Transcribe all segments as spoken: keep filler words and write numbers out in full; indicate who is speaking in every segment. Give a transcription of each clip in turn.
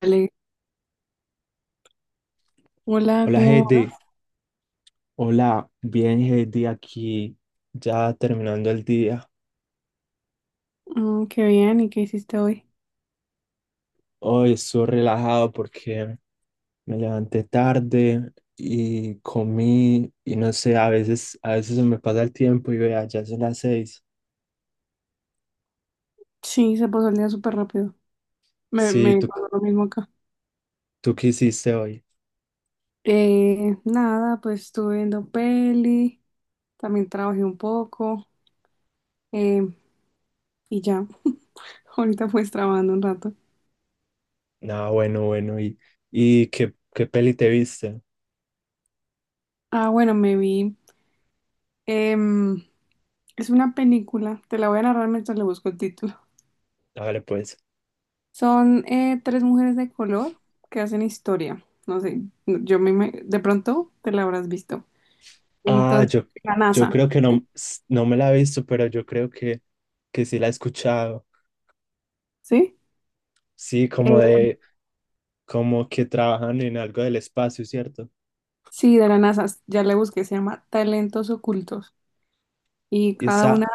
Speaker 1: Dale. Hola,
Speaker 2: Hola
Speaker 1: ¿cómo vas?
Speaker 2: Heidi, hola, bien Heidi aquí, ya terminando el día.
Speaker 1: Mm, qué bien, ¿y qué hiciste hoy?
Speaker 2: Hoy estoy relajado porque me levanté tarde y comí y no sé, a veces, a veces se me pasa el tiempo y vea, ya son las seis.
Speaker 1: Sí, se pasó el día súper rápido. Me,
Speaker 2: Sí,
Speaker 1: me
Speaker 2: ¿tú,
Speaker 1: pasó lo mismo acá.
Speaker 2: tú qué hiciste hoy?
Speaker 1: Eh, nada, pues estuve viendo peli, también trabajé un poco, eh, y ya. Ahorita pues trabajando un rato.
Speaker 2: Ah, bueno, bueno, ¿y, y qué, qué peli te viste?
Speaker 1: Ah, bueno, me vi, em, es una película, te la voy a narrar mientras le busco el título.
Speaker 2: Hágale pues.
Speaker 1: Son eh, tres mujeres de color que hacen historia. No sé, yo me, me- de pronto te la habrás visto.
Speaker 2: Ah,
Speaker 1: Entonces,
Speaker 2: yo,
Speaker 1: la
Speaker 2: yo
Speaker 1: NASA.
Speaker 2: creo que no, no me la he visto, pero yo creo que, que sí la he escuchado.
Speaker 1: ¿Sí?
Speaker 2: Sí, como
Speaker 1: Eh,
Speaker 2: de como que trabajan en algo del espacio, ¿cierto?
Speaker 1: sí, de la NASA, ya le busqué, se llama Talentos Ocultos y
Speaker 2: Y
Speaker 1: cada una,
Speaker 2: esa,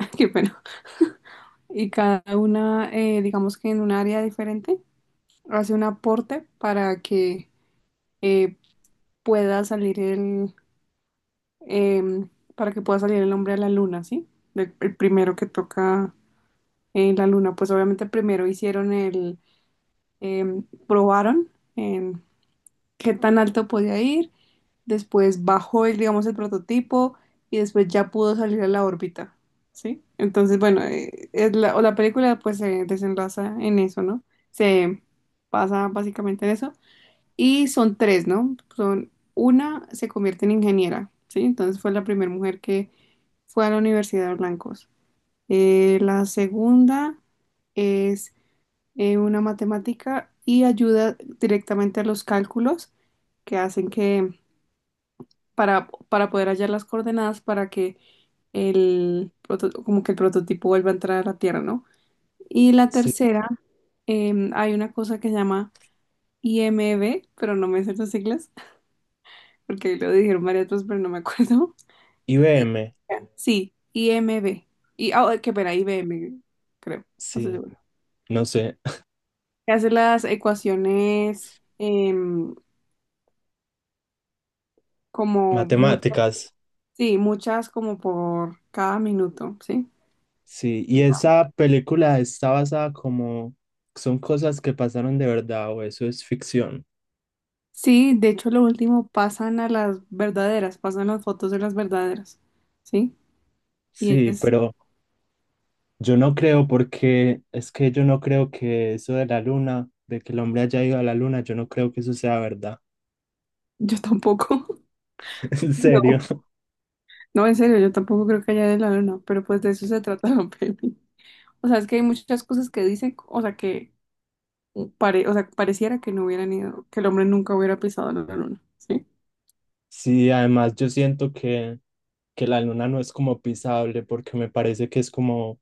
Speaker 1: qué pena, y cada una, eh, digamos que en un área diferente, hace un aporte para que eh, pueda salir el, em, para que pueda salir el hombre a la luna, ¿sí? El, el primero que toca en la luna, pues obviamente primero hicieron el, em, probaron, em, qué tan alto podía ir, después bajó el, digamos, el prototipo, y después ya pudo salir a la órbita, ¿sí? Entonces, bueno, eh, es la, o la película pues se desenlaza en eso, ¿no? Se pasa básicamente en eso. Y son tres, ¿no? Son, una se convierte en ingeniera, ¿sí? Entonces fue la primera mujer que fue a la Universidad de Blancos. Eh, la segunda es eh, una matemática y ayuda directamente a los cálculos que hacen que para, para poder hallar las coordenadas para que el, proto- como que el prototipo vuelva a entrar a la Tierra, ¿no? Y la
Speaker 2: sí,
Speaker 1: tercera, em, hay una cosa que se llama I M B, pero no me sé las siglas, porque lo dijeron varias veces, pero no me acuerdo. Y-
Speaker 2: I B M,
Speaker 1: Sí, I M B. Y, ah, qué pena, I B M, creo, no estoy
Speaker 2: sí,
Speaker 1: segura.
Speaker 2: no sé,
Speaker 1: Que hace las ecuaciones, em, como muchas,
Speaker 2: matemáticas,
Speaker 1: sí, muchas, como por cada minuto, ¿sí?
Speaker 2: sí, y esa película está basada como, ¿son cosas que pasaron de verdad o eso es ficción?
Speaker 1: Sí, de hecho lo último pasan a las verdaderas, pasan las fotos de las verdaderas, ¿sí? Y
Speaker 2: Sí,
Speaker 1: es,
Speaker 2: pero yo no creo porque es que yo no creo que eso de la luna, de que el hombre haya ido a la luna, yo no creo que eso sea verdad.
Speaker 1: yo tampoco,
Speaker 2: En serio,
Speaker 1: no, no, en serio, yo tampoco creo que haya de la luna, pero pues de eso se trata la peli. O sea, es que hay muchas cosas que dicen, o sea, que pare, o sea, pareciera que no hubieran ido, que el hombre nunca hubiera pisado la luna, ¿sí?
Speaker 2: sí, además yo siento que, que la luna no es como pisable porque me parece que es como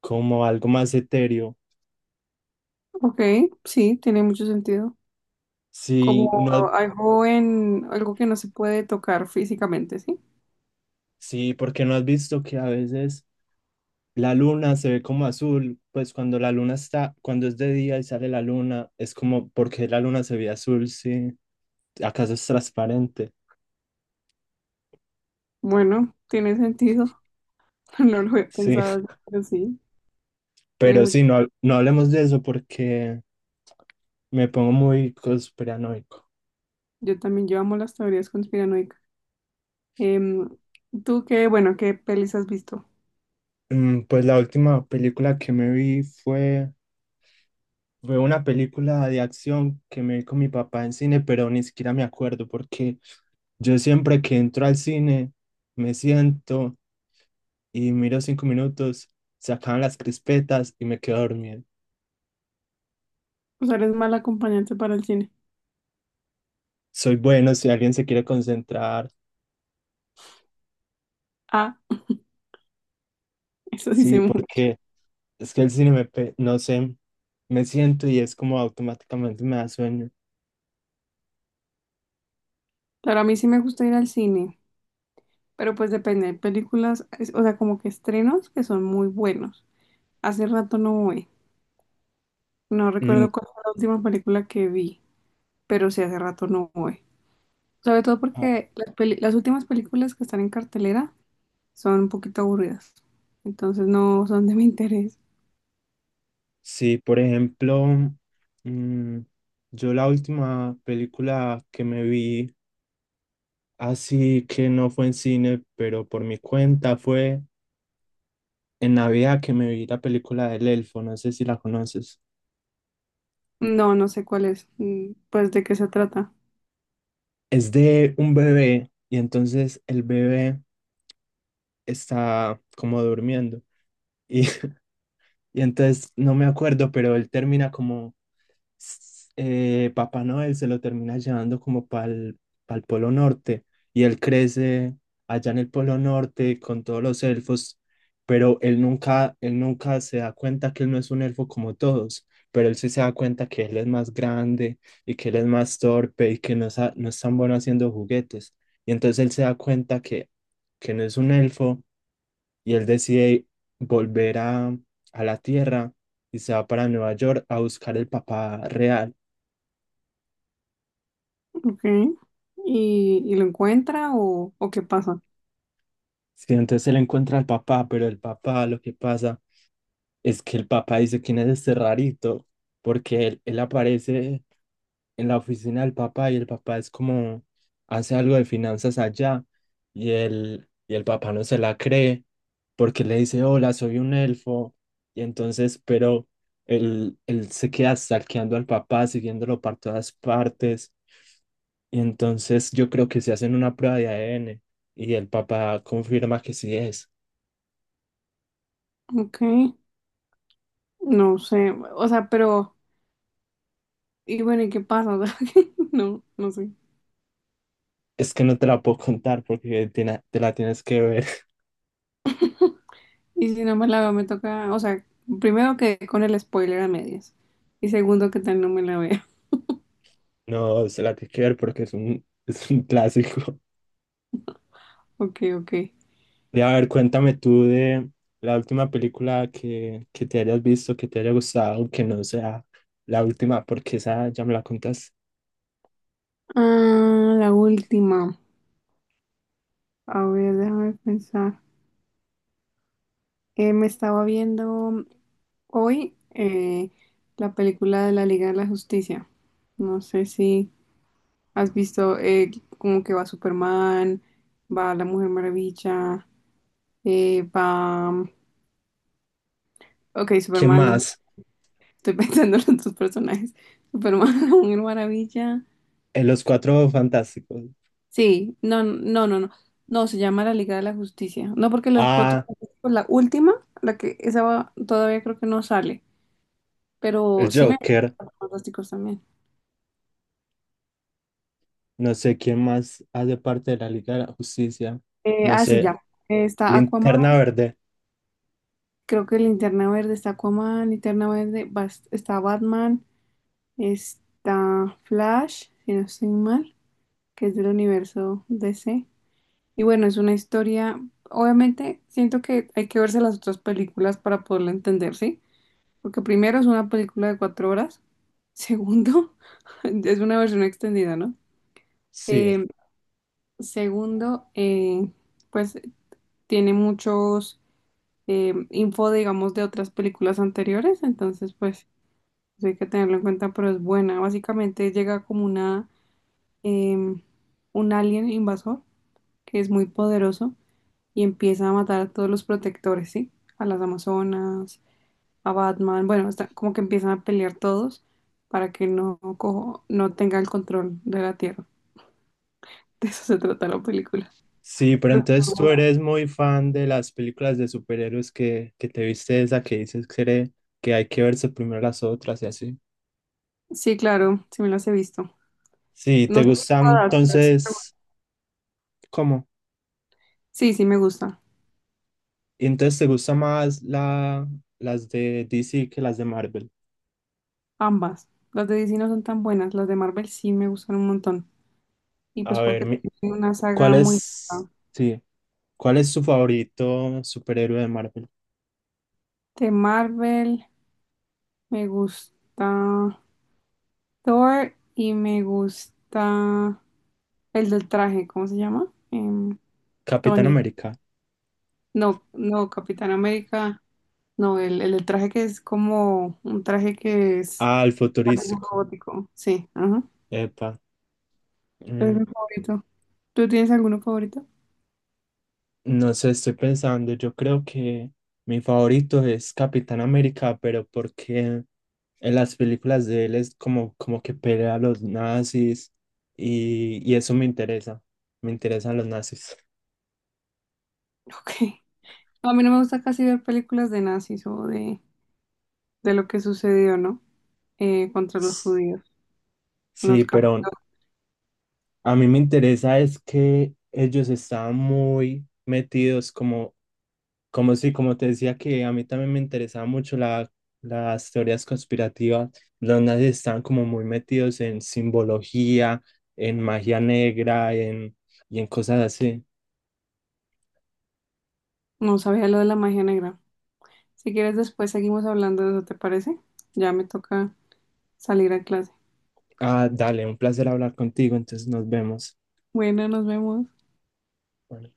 Speaker 2: como algo más etéreo.
Speaker 1: Ok, sí, tiene mucho sentido,
Speaker 2: Sí,
Speaker 1: como
Speaker 2: no, has-
Speaker 1: algo en, algo que no se puede tocar físicamente, ¿sí?
Speaker 2: sí, porque no has visto que a veces la luna se ve como azul, pues cuando la luna está, cuando es de día y sale la luna, es como porque la luna se ve azul, sí. ¿Acaso es transparente?
Speaker 1: Bueno, tiene sentido. No lo he
Speaker 2: Sí,
Speaker 1: pensado, pero sí, tiene
Speaker 2: pero
Speaker 1: mucho.
Speaker 2: sí, no, hab- no hablemos de eso porque me pongo muy conspiranoico.
Speaker 1: Yo también, yo amo las teorías conspiranoicas. Em, ¿Tú qué, bueno, qué pelis has visto?
Speaker 2: Mm. Pues la última película que me vi fue, fue una película de acción que me vi con mi papá en cine, pero ni siquiera me acuerdo porque yo siempre que entro al cine, me siento y miro cinco minutos, se acaban las crispetas y me quedo dormido.
Speaker 1: O sea, eres mal acompañante para el cine.
Speaker 2: Soy bueno si alguien se quiere concentrar,
Speaker 1: Ah, eso
Speaker 2: sí,
Speaker 1: dice mucho.
Speaker 2: porque es que el cine me, pe- no sé, me siento y es como automáticamente me da sueño.
Speaker 1: Claro, a mí sí me gusta ir al cine, pero pues depende. Hay películas, es- o sea, como que estrenos que son muy buenos. Hace rato no voy. No
Speaker 2: Mm,
Speaker 1: recuerdo cuál fue la última película que vi, pero sí hace rato no voy. Sobre todo
Speaker 2: ah,
Speaker 1: porque las, peli- las últimas películas que están en cartelera son un poquito aburridas, entonces no son de mi interés.
Speaker 2: sí, por ejemplo, mm, yo la última película que me vi, así que no fue en cine, pero por mi cuenta fue en Navidad que me vi la película del elfo, no sé si la conoces.
Speaker 1: No, no sé cuál es, mm, pues de qué se trata.
Speaker 2: Es de un bebé y entonces el bebé está como durmiendo y, y entonces no me acuerdo, pero él termina como s- eh, Papá Noel se lo termina llevando como para el Polo Norte y él crece allá en el Polo Norte con todos los elfos, pero él nunca, él nunca se da cuenta que él no es un elfo como todos, pero él sí se da cuenta que él es más grande y que él es más torpe y que no, sa- no es tan bueno haciendo juguetes. Y entonces él se da cuenta que, que no es un elfo y él decide volver a, a la Tierra y se va para Nueva York a buscar el papá real.
Speaker 1: Ok. ¿Y, y lo encuentra o, o qué pasa?
Speaker 2: Sí, entonces él encuentra al papá, pero el papá lo que pasa es que el papá dice quién es este rarito, porque él, él aparece en la oficina del papá y el papá es como, hace algo de finanzas allá y el, y el papá no se la cree porque le dice, hola, soy un elfo. Y entonces, pero él, él se queda stalkeando al papá, siguiéndolo por todas partes. Y entonces yo creo que se hacen una prueba de A D N y el papá confirma que sí es.
Speaker 1: Ok. No sé, o sea, pero, y bueno, ¿y qué pasa? O sea, no, no sé.
Speaker 2: Es que no te la puedo contar porque tiene- te la tienes que ver.
Speaker 1: Y si no me la veo, me toca, o sea, primero que con el spoiler a medias. Y segundo que tal no me la veo.
Speaker 2: No, se la tienes que ver porque es un, es un clásico.
Speaker 1: Ok, ok.
Speaker 2: Y a ver, cuéntame tú de la última película que, que te hayas visto, que te haya gustado, que no sea la última, porque esa ya me la contas.
Speaker 1: Ah, la última. A ver, déjame pensar. Eh, me estaba viendo hoy, eh, la película de la Liga de la Justicia. No sé si has visto, eh, como que va Superman, va la Mujer Maravilla, eh, va... mm, Ok,
Speaker 2: ¿Quién
Speaker 1: Superman, la-
Speaker 2: más?
Speaker 1: estoy pensando en los dos personajes. Superman, la Mujer Maravilla.
Speaker 2: En Los Cuatro Fantásticos.
Speaker 1: Sí, no, no, no, no. No, se llama la Liga de la Justicia. No porque los cuatro...
Speaker 2: Ah,
Speaker 1: pues, la última, la que esa va- todavía creo que no sale,
Speaker 2: el
Speaker 1: pero sí me...
Speaker 2: Joker.
Speaker 1: Fantásticos también.
Speaker 2: No sé quién más hace parte de la Liga de la Justicia.
Speaker 1: Eh,
Speaker 2: No
Speaker 1: ah, sí,
Speaker 2: sé.
Speaker 1: ya. Está Aquaman.
Speaker 2: Linterna Verde.
Speaker 1: Creo que Linterna Verde, está Aquaman, Linterna Verde, bas- está Batman, está Flash, si no estoy mal, que es del universo D C. Y bueno, es una historia, obviamente siento que hay que verse las otras películas para poderla entender, ¿sí? Porque primero es una película de cuatro horas, segundo, es una versión extendida, ¿no?
Speaker 2: Sí.
Speaker 1: Eh, segundo, eh, pues tiene muchos, eh, info, digamos, de otras películas anteriores, entonces pues... eso hay que tenerlo en cuenta, pero es buena. Básicamente llega como una, em, un alien invasor que es muy poderoso y empieza a matar a todos los protectores, ¿sí? A las Amazonas, a Batman. Bueno, está, como que empiezan a pelear todos para que no, cojo- no tenga el control de la Tierra. De eso se trata la película.
Speaker 2: Sí, pero entonces tú eres muy fan de las películas de superhéroes que, que te viste esa que dices que, eres- que hay que verse primero las otras y así.
Speaker 1: Sí, claro, sí me las he visto.
Speaker 2: Sí,
Speaker 1: No
Speaker 2: te
Speaker 1: sé si
Speaker 2: gustan
Speaker 1: todas, pero sí me gustan.
Speaker 2: entonces, ¿cómo?
Speaker 1: Sí, sí me gusta.
Speaker 2: Y entonces te gusta más la, las de D C que las de Marvel.
Speaker 1: Ambas. Las de D C no son tan buenas, las de Marvel sí me gustan un montón. Y pues
Speaker 2: A ver,
Speaker 1: porque
Speaker 2: mi-
Speaker 1: tiene una
Speaker 2: ¿cuál
Speaker 1: saga muy
Speaker 2: es,
Speaker 1: buena.
Speaker 2: sí, cuál es tu favorito superhéroe de Marvel?
Speaker 1: De Marvel, me gusta Thor y me gusta el del traje, ¿cómo se llama? Em,
Speaker 2: Capitán
Speaker 1: Tony.
Speaker 2: América.
Speaker 1: No, no, Capitán América. No, el, el del traje que es como un traje que es,
Speaker 2: Ah, el
Speaker 1: parece un
Speaker 2: futurístico.
Speaker 1: robótico. Sí, ajá.
Speaker 2: Epa.
Speaker 1: Es mi
Speaker 2: Mm.
Speaker 1: favorito. ¿Tú tienes alguno favorito?
Speaker 2: No sé, estoy pensando, yo creo que mi favorito es Capitán América, pero porque en las películas de él es como, como que pelea a los nazis y, y eso me interesa, me interesan los nazis.
Speaker 1: Ok. No, a mí no me gusta casi ver películas de nazis o de, de lo que sucedió, ¿no? Eh, contra los judíos en
Speaker 2: Sí,
Speaker 1: los campos.
Speaker 2: pero a mí me interesa es que ellos estaban muy metidos como. Como sí, como te decía que a mí también me interesaba mucho la, las teorías conspirativas. Los nazis estaban como muy metidos en simbología, en magia negra, en, y en cosas así.
Speaker 1: No sabía lo de la magia negra. Si quieres, después seguimos hablando de eso, ¿te parece? Ya me toca salir a clase.
Speaker 2: Ah, dale, un placer hablar contigo, entonces nos vemos.
Speaker 1: Bueno, nos vemos.
Speaker 2: Bueno.